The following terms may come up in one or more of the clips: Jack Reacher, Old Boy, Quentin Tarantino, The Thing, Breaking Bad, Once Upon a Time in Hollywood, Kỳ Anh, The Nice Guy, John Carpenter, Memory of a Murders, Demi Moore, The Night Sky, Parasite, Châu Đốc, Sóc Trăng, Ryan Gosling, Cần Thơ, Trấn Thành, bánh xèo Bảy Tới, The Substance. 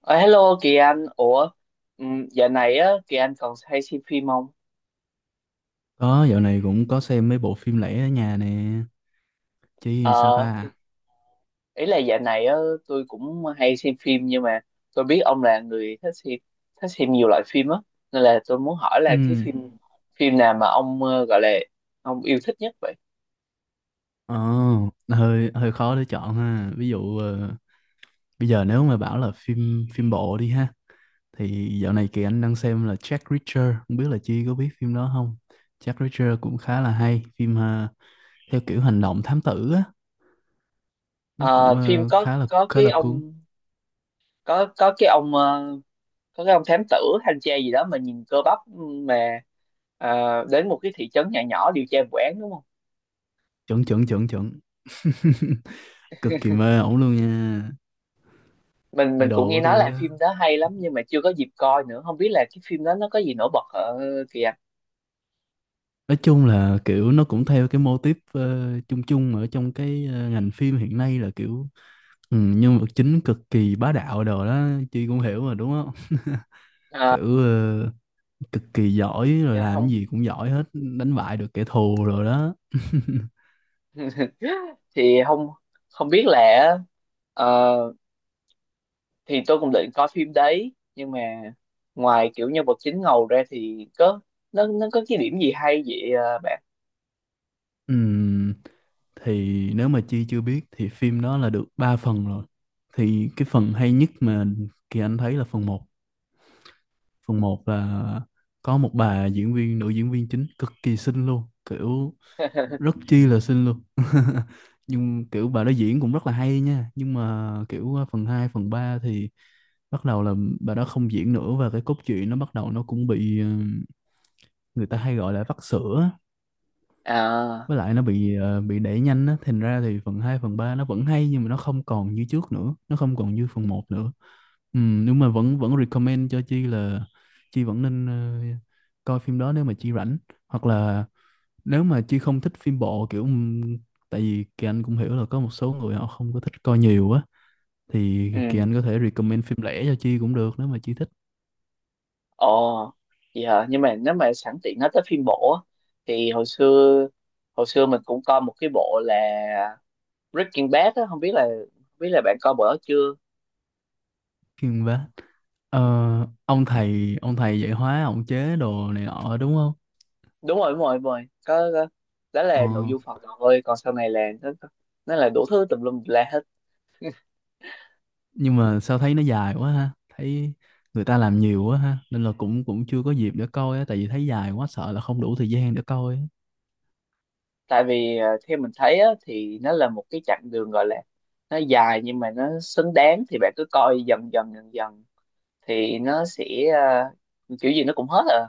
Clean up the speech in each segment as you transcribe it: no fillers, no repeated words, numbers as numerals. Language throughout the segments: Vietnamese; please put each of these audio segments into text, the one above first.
Ờ, Hello Kỳ Anh, ủa dạo này á Kỳ Anh còn hay xem phim không? Có, dạo này cũng có xem mấy bộ phim lẻ ở nhà nè. Chứ sao Ờ thì ta? Ý là dạo này á, tôi cũng hay xem phim, nhưng mà tôi biết ông là người thích xem, thích xem nhiều loại phim á, nên là tôi muốn hỏi là cái Ừ. phim phim nào mà ông gọi là ông yêu thích nhất vậy? Ồ, hơi hơi khó để chọn ha. Ví dụ bây giờ nếu mà bảo là phim phim bộ đi ha thì dạo này Kỳ Anh đang xem là Jack Reacher, không biết là Chi có biết phim đó không? Jack Reacher cũng khá là hay, phim theo kiểu hành động thám tử á, nó cũng Ờ, phim có khá là có khá cái là cuốn. ông có cái ông có cái ông thám tử, thanh tra gì đó mà nhìn cơ bắp, mà ờ, đến một cái thị trấn nhỏ nhỏ điều tra vụ án đúng không? Chuẩn chuẩn chuẩn chuẩn. Cực kỳ mê ổng luôn nha. Mình cũng Idol nghe của nói tôi. là phim đó hay lắm, nhưng mà chưa có dịp coi nữa, không biết là cái phim đó nó có gì nổi bật ở kìa. Nói chung là kiểu nó cũng theo cái mô típ chung chung ở trong cái ngành phim hiện nay là kiểu nhân vật chính cực kỳ bá đạo đồ đó. Chi cũng hiểu mà đúng không? Ờ, Kiểu cực kỳ giỏi rồi dạ làm cái không. gì cũng giỏi hết, đánh bại được kẻ thù rồi đó. thì không Không biết là, ờ, thì tôi cũng định coi phim đấy, nhưng mà ngoài kiểu nhân vật chính ngầu ra thì có, nó có cái điểm gì hay vậy ờ, bạn? Ừm, thì nếu mà Chi chưa biết thì phim đó là được 3 phần rồi, thì cái phần hay nhất mà Kỳ Anh thấy là phần một là có một bà diễn viên, nữ diễn viên chính cực kỳ xinh luôn, kiểu rất chi là xinh luôn. Nhưng kiểu bà đó diễn cũng rất là hay nha, nhưng mà kiểu phần 2 phần 3 thì bắt đầu là bà đó không diễn nữa, và cái cốt truyện nó bắt đầu nó cũng bị người ta hay gọi là vắt sữa á. À, Với lại nó bị đẩy nhanh á, thành ra thì phần 2 phần 3 nó vẫn hay nhưng mà nó không còn như trước nữa, nó không còn như phần một nữa. Ừ, nhưng mà vẫn vẫn recommend cho Chi là Chi vẫn nên coi phim đó nếu mà Chi rảnh, hoặc là nếu mà Chi không thích phim bộ kiểu tại vì Kỳ Anh cũng hiểu là có một số người họ không có thích coi nhiều á, thì Kỳ ừ. Anh có thể recommend phim lẻ cho Chi cũng được nếu mà Chi thích Ồ, vậy hả, nhưng mà nếu mà sẵn tiện nói tới phim bộ á, thì hồi xưa mình cũng coi một cái bộ là Breaking Bad á, không biết là bạn coi bữa đó chưa? phim vá. Ờ, ông thầy dạy hóa, ông chế đồ này nọ đúng không? Đúng rồi, đúng rồi, đúng rồi, có, có. Đó ờ, là nội dung phần đầu thôi, còn sau này là nó là đủ thứ tùm lum la hết. nhưng mà sao thấy nó dài quá ha, thấy người ta làm nhiều quá ha, nên là cũng cũng chưa có dịp để coi á, tại vì thấy dài quá sợ là không đủ thời gian để coi á. Tại vì à, theo mình thấy á, thì nó là một cái chặng đường, gọi là nó dài nhưng mà nó xứng đáng, thì bạn cứ coi dần dần thì nó sẽ, à, kiểu gì nó cũng hết à.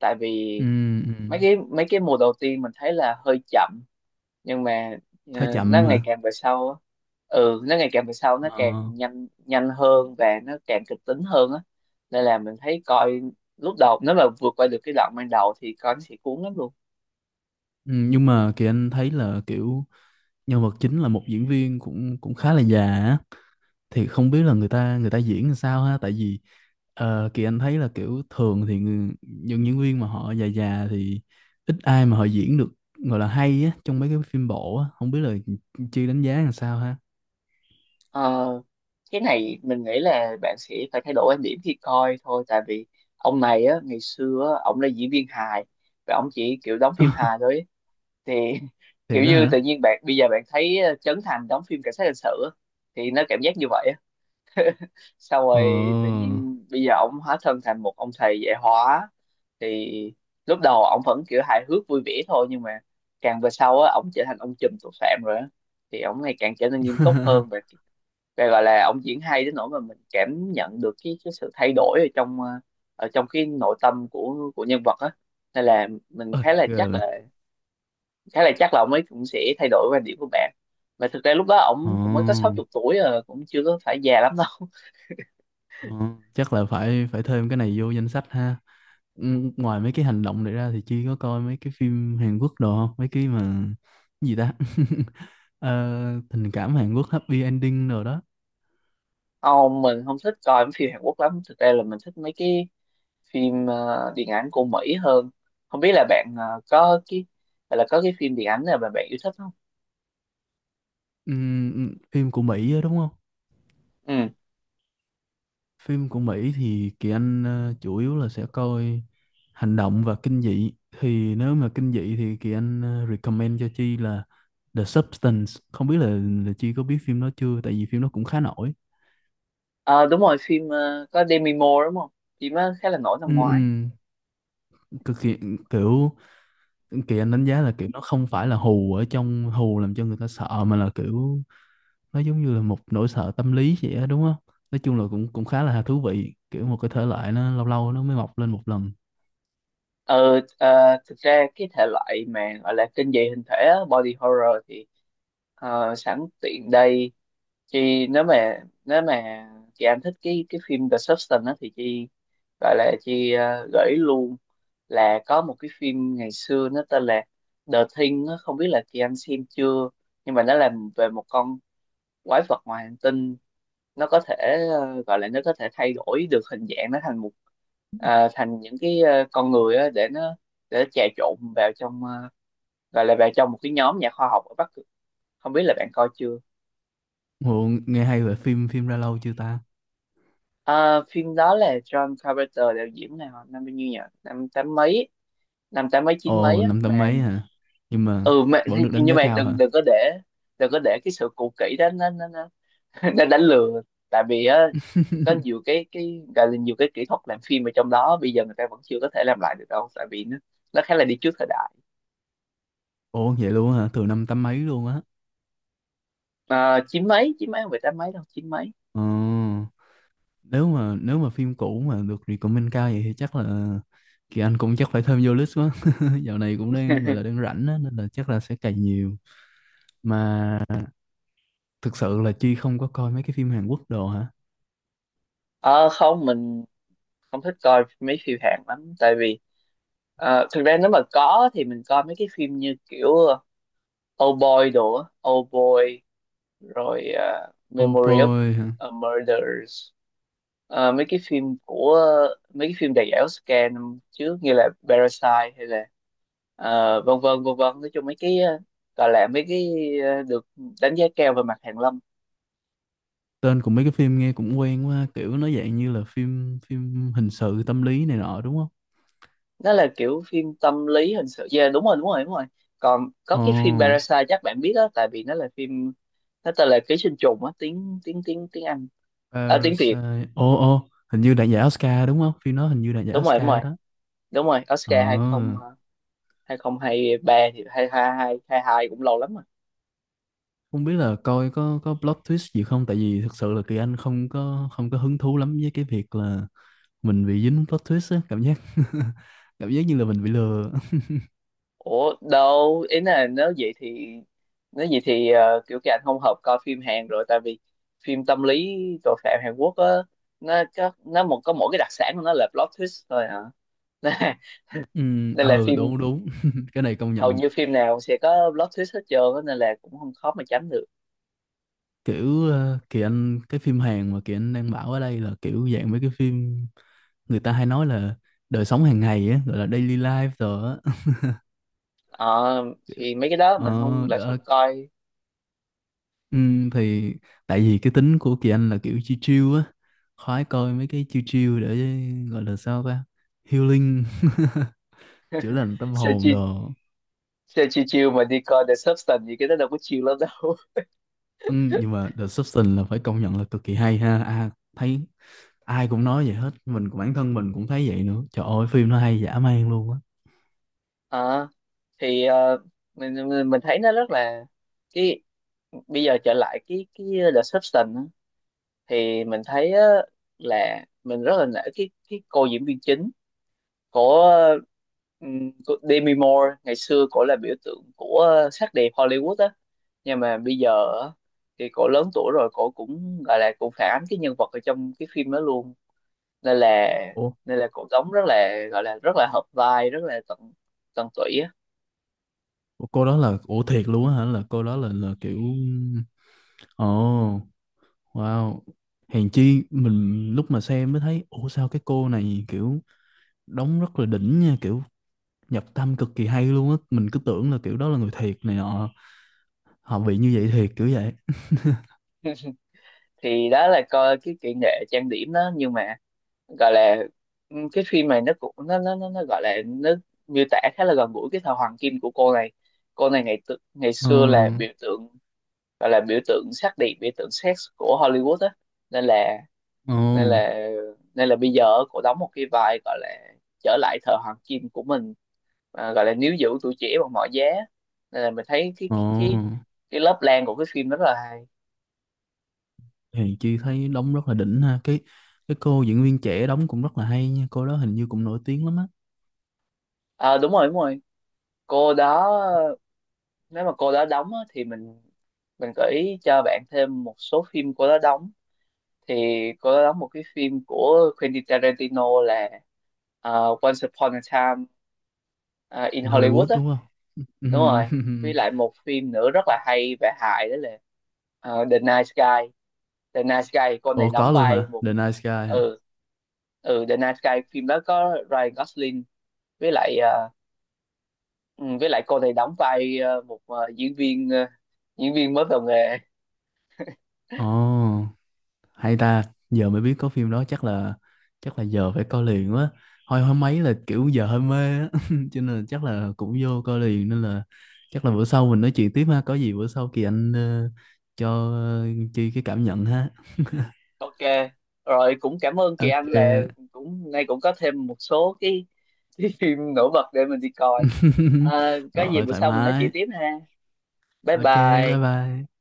Tại Ừ, vì mấy ừ. cái mấy cái mùa đầu tiên mình thấy là hơi chậm, nhưng mà Hơi ờ, nó chậm ngày hả? càng về sau á, ừ, nó ngày càng về sau nó ờ, càng nhanh nhanh hơn và nó càng kịch tính hơn á, nên là mình thấy coi lúc đầu nếu mà vượt qua được cái đoạn ban đầu thì coi nó sẽ cuốn lắm luôn. ừ, nhưng mà Kỳ Anh thấy là kiểu nhân vật chính là một diễn viên cũng cũng khá là già á, thì không biết là người ta diễn làm sao ha, tại vì Kỳ Anh thấy là kiểu thường thì những diễn viên mà họ già già thì ít ai mà họ diễn được gọi là hay á trong mấy cái phim bộ á, không biết là Chi đánh giá làm sao ha. Ờ, cái này mình nghĩ là bạn sẽ phải thay đổi quan điểm khi coi thôi, tại vì ông này á, ngày xưa á, ông là diễn viên hài và ông chỉ kiểu đóng phim hài thôi ấy. Thì Thiệt kiểu á như hả? tự nhiên bạn bây giờ bạn thấy ờ, Trấn Thành đóng phim cảnh sát hình sự á, thì nó cảm giác như vậy. Sau Ờ. rồi tự nhiên bây giờ ổng hóa thân thành một ông thầy dạy hóa, thì lúc đầu ổng vẫn kiểu hài hước vui vẻ thôi, nhưng mà càng về sau á ổng trở thành ông trùm tội phạm rồi á, thì ổng ngày càng trở nên nghiêm túc hơn, và gọi là ổng diễn hay đến nỗi mà mình cảm nhận được cái sự thay đổi ở trong ở trong cái nội tâm của nhân vật á, nên là mình Ơi ghê vậy. Khá là chắc là ông ấy cũng sẽ thay đổi quan điểm của bạn. Mà thực ra lúc đó Ờ. ổng cũng mới có 60 tuổi rồi, cũng chưa có phải già lắm đâu. Ờ, chắc là phải phải thêm cái này vô danh sách ha. Ừ, ngoài mấy cái hành động này ra thì Chi có coi mấy cái phim Hàn Quốc đồ không? Mấy cái mà cái gì ta? Ờ, tình cảm Hàn Quốc happy ending rồi đó. Ông, mình không thích coi mấy phim Hàn Quốc lắm, thực ra là mình thích mấy cái phim ờ, điện ảnh của Mỹ hơn. Không biết là bạn có cái, hay là có cái phim điện ảnh nào mà bạn yêu thích không? Phim của Mỹ á, đúng không? Ừ. Phim của Mỹ thì Kỳ Anh chủ yếu là sẽ coi hành động và kinh dị. Thì nếu mà kinh dị thì Kỳ Anh recommend cho Chi là The Substance. Không biết là Chi có biết phim đó chưa? Tại vì phim đó cũng khá nổi. Ờ, đúng rồi, phim có Demi Moore đúng không, phim đó khá là nổi năm Ừ, ngoái. ừ, cực kỳ, kiểu Kỳ Anh đánh giá là kiểu nó không phải là hù ở trong hù làm cho người ta sợ, mà là kiểu nó giống như là một nỗi sợ tâm lý vậy á, đúng không? Nói chung là cũng cũng khá là thú vị, kiểu một cái thể loại nó lâu lâu nó mới mọc lên một lần. ờ ờ, Thực ra cái thể loại mà gọi là kinh dị hình thể á, body horror, thì sẵn tiện đây chị, nếu mà chị Anh thích cái phim The Substance á, thì chị gọi là chị gợi ý luôn là có một cái phim ngày xưa nó tên là The Thing á, không biết là chị Anh xem chưa, nhưng mà nó làm về một con quái vật ngoài hành tinh. Nó có thể gọi là nó có thể thay đổi được hình dạng nó thành một, thành những cái con người á, để nó trà trộn vào trong gọi là vào trong một cái nhóm nhà khoa học ở Bắc Cực, không biết là bạn coi chưa? Ồ, nghe hay. Về phim phim ra lâu chưa ta? Ờ, phim đó là John Carpenter đạo diễn, này nào năm bao nhiêu nhỉ, năm tám mấy, năm tám mấy chín mấy Ồ, á năm mà. tám mấy hả? Nhưng mà Ừ mà, vẫn được đánh nhưng giá mà cao đừng hả? đừng có để, đừng có để cái sự cũ kỹ đó nó nó đánh lừa. Tại vì á có nhiều cái gọi là nhiều cái kỹ thuật làm phim ở trong đó bây giờ người ta vẫn chưa có thể làm lại được đâu, tại vì nó khá là đi trước thời đại. Ồ, vậy luôn hả? Từ năm tám mấy luôn á. Ờ, chín mấy, chín mấy, không phải tám mấy đâu, chín mấy. Ồ. Nếu mà phim cũ mà được recommend cao vậy thì chắc là Kỳ Anh cũng chắc phải thêm vô list quá. Dạo này cũng đang gọi là đang rảnh á, nên là chắc là sẽ cày nhiều mà. Thực sự là Chi không có coi mấy cái phim Hàn Quốc đồ hả? Ờ không, mình không thích coi mấy phim Hàn lắm, tại vì ờ, thực ra nếu mà có thì mình coi mấy cái phim như kiểu Old Boy đồ á. Old Boy, rồi ờ, Oh Memory of boy hả? a Murders. Ờ, mấy cái phim đầy ảo scam năm trước như là Parasite, hay là ờ, vân vân vân vân, nói chung mấy cái gọi là mấy cái được đánh giá cao về mặt hàn lâm. Tên của mấy cái phim nghe cũng quen quá, kiểu nó dạng như là phim phim hình sự tâm lý này nọ đúng không? Nó là kiểu phim tâm lý hình sự, yeah, đúng rồi, đúng rồi, đúng rồi. Còn có Ồ. cái phim Parasite chắc bạn biết đó, tại vì nó là phim, nó tên là Ký sinh trùng á, tiếng tiếng tiếng tiếng Anh, à, tiếng Việt. Parasite. Ồ, ồ, hình như đạt giải Oscar đúng không, phim nó hình như đạt giải Đúng rồi, đúng rồi, Oscar đó. đúng rồi, Ờ. Oscar hai không, à, hai không hai ba, thì hai hai hai hai hai cũng lâu lắm rồi. Không biết là coi có plot twist gì không, tại vì thực sự là Kỳ Anh không có hứng thú lắm với cái việc là mình bị dính plot twist á, cảm giác cảm giác như là mình bị lừa. Ủa đâu, ý là nếu vậy thì, ờ, kiểu cái anh không hợp coi phim Hàn rồi, tại vì phim tâm lý tội phạm Hàn Quốc á, nó có nó một có mỗi cái đặc sản của nó là plot twist thôi hả? Ừ, Đây là ờ, phim, đúng đúng. Cái này công hầu nhận. như phim nào sẽ có plot twist hết trơn á, nên là cũng không khó mà tránh được. Kiểu Kỳ Anh, cái phim Hàn mà Kỳ Anh đang bảo ở đây là kiểu dạng mấy cái phim người ta hay nói là đời sống hàng ngày á, gọi là daily life rồi á. Ờ, thì mấy cái đó mình Ờ không, lại đó, không coi. ừ, thì tại vì cái tính của Kỳ Anh là kiểu chill chill, khoái coi mấy cái chill chill để gọi là sao ta, healing, chữa lành tâm sao hồn chi đồ. Sao chi chiêu mà đi coi The Substance gì, cái đó đâu có chiêu lắm đâu. Ừ, nhưng mà The Substance là phải công nhận là cực kỳ hay ha. À, thấy ai cũng nói vậy hết, mình cũng, bản thân mình cũng thấy vậy nữa, trời ơi phim nó hay dã man luôn á. Ờ, thì ờ, mình thấy nó rất là cái, bây giờ trở lại cái The Substance á, thì mình thấy á, là mình rất là nể cái cô diễn viên chính của của Demi Moore. Ngày xưa cổ là biểu tượng của sắc đẹp Hollywood á, nhưng mà bây giờ á, thì cổ lớn tuổi rồi, cổ cũng gọi là cũng phản ánh cái nhân vật ở trong cái phim đó luôn, nên là Ủa, cổ đóng rất là, gọi là rất là hợp vai, rất là tận, tận tụy á. ủa, cô đó là, ủa thiệt luôn á hả, là cô đó là kiểu ồ, oh, wow, hèn chi mình lúc mà xem mới thấy ủa sao cái cô này kiểu đóng rất là đỉnh nha, kiểu nhập tâm cực kỳ hay luôn á, mình cứ tưởng là kiểu đó là người thiệt này nọ, họ bị như vậy thiệt kiểu vậy. Thì đó là coi cái kỹ nghệ trang điểm đó, nhưng mà gọi là, ừ, cái phim này nó cũng nó gọi là nó miêu tả khá là gần gũi cái thời hoàng kim của cô này. Cô này ngày ngày Ờ xưa là biểu tượng, gọi là biểu tượng sắc đẹp, biểu tượng sex của Hollywood á, nên là ờ nên là bây giờ cô đóng một cái vai gọi là trở lại thời hoàng kim của mình, à, gọi là níu giữ tuổi trẻ bằng mọi giá, nên là mình thấy ờ, cái lớp lang của cái phim rất là hay. thì chị thấy đóng rất là đỉnh ha, cái cô diễn viên trẻ đóng cũng rất là hay nha, cô đó hình như cũng nổi tiếng lắm á. À, đúng rồi, đúng rồi, cô đó, nếu mà cô đó đóng á, thì mình gợi ý cho bạn thêm một số phim cô đó đóng. Thì cô đó đóng một cái phim của Quentin Tarantino là à, Once Upon a Time, à, in In Hollywood Hollywood á. đúng không? Đúng Ừm. rồi, với lại một phim nữa rất là hay về hài đó là ờ, The Night Sky. The Night Sky cô này Ủa đóng có luôn vai hả, một, The Nice Guy hả? ừ, ừ, The Night Sky phim đó có Ryan Gosling, với lại ừ, với lại cô này đóng vai một diễn viên, diễn viên mới vào nghề. Ồ hay ta, giờ mới biết có phim đó, chắc là giờ phải coi liền quá. Hồi hôm mấy là kiểu giờ hơi mê á, cho nên là chắc là cũng vô coi liền, nên là chắc là bữa sau mình nói chuyện tiếp ha. Có gì bữa sau Kỳ Anh cho Chi cái cảm nhận ha. OK, rồi cũng cảm ơn chị Anh, OK. là cũng nay cũng có thêm một số cái phim nổi bật để mình đi coi. Ờ, có gì Rồi, bữa thoải sau mình nói chuyện mái. tiếp ha, bye OK. Bye bye. bye.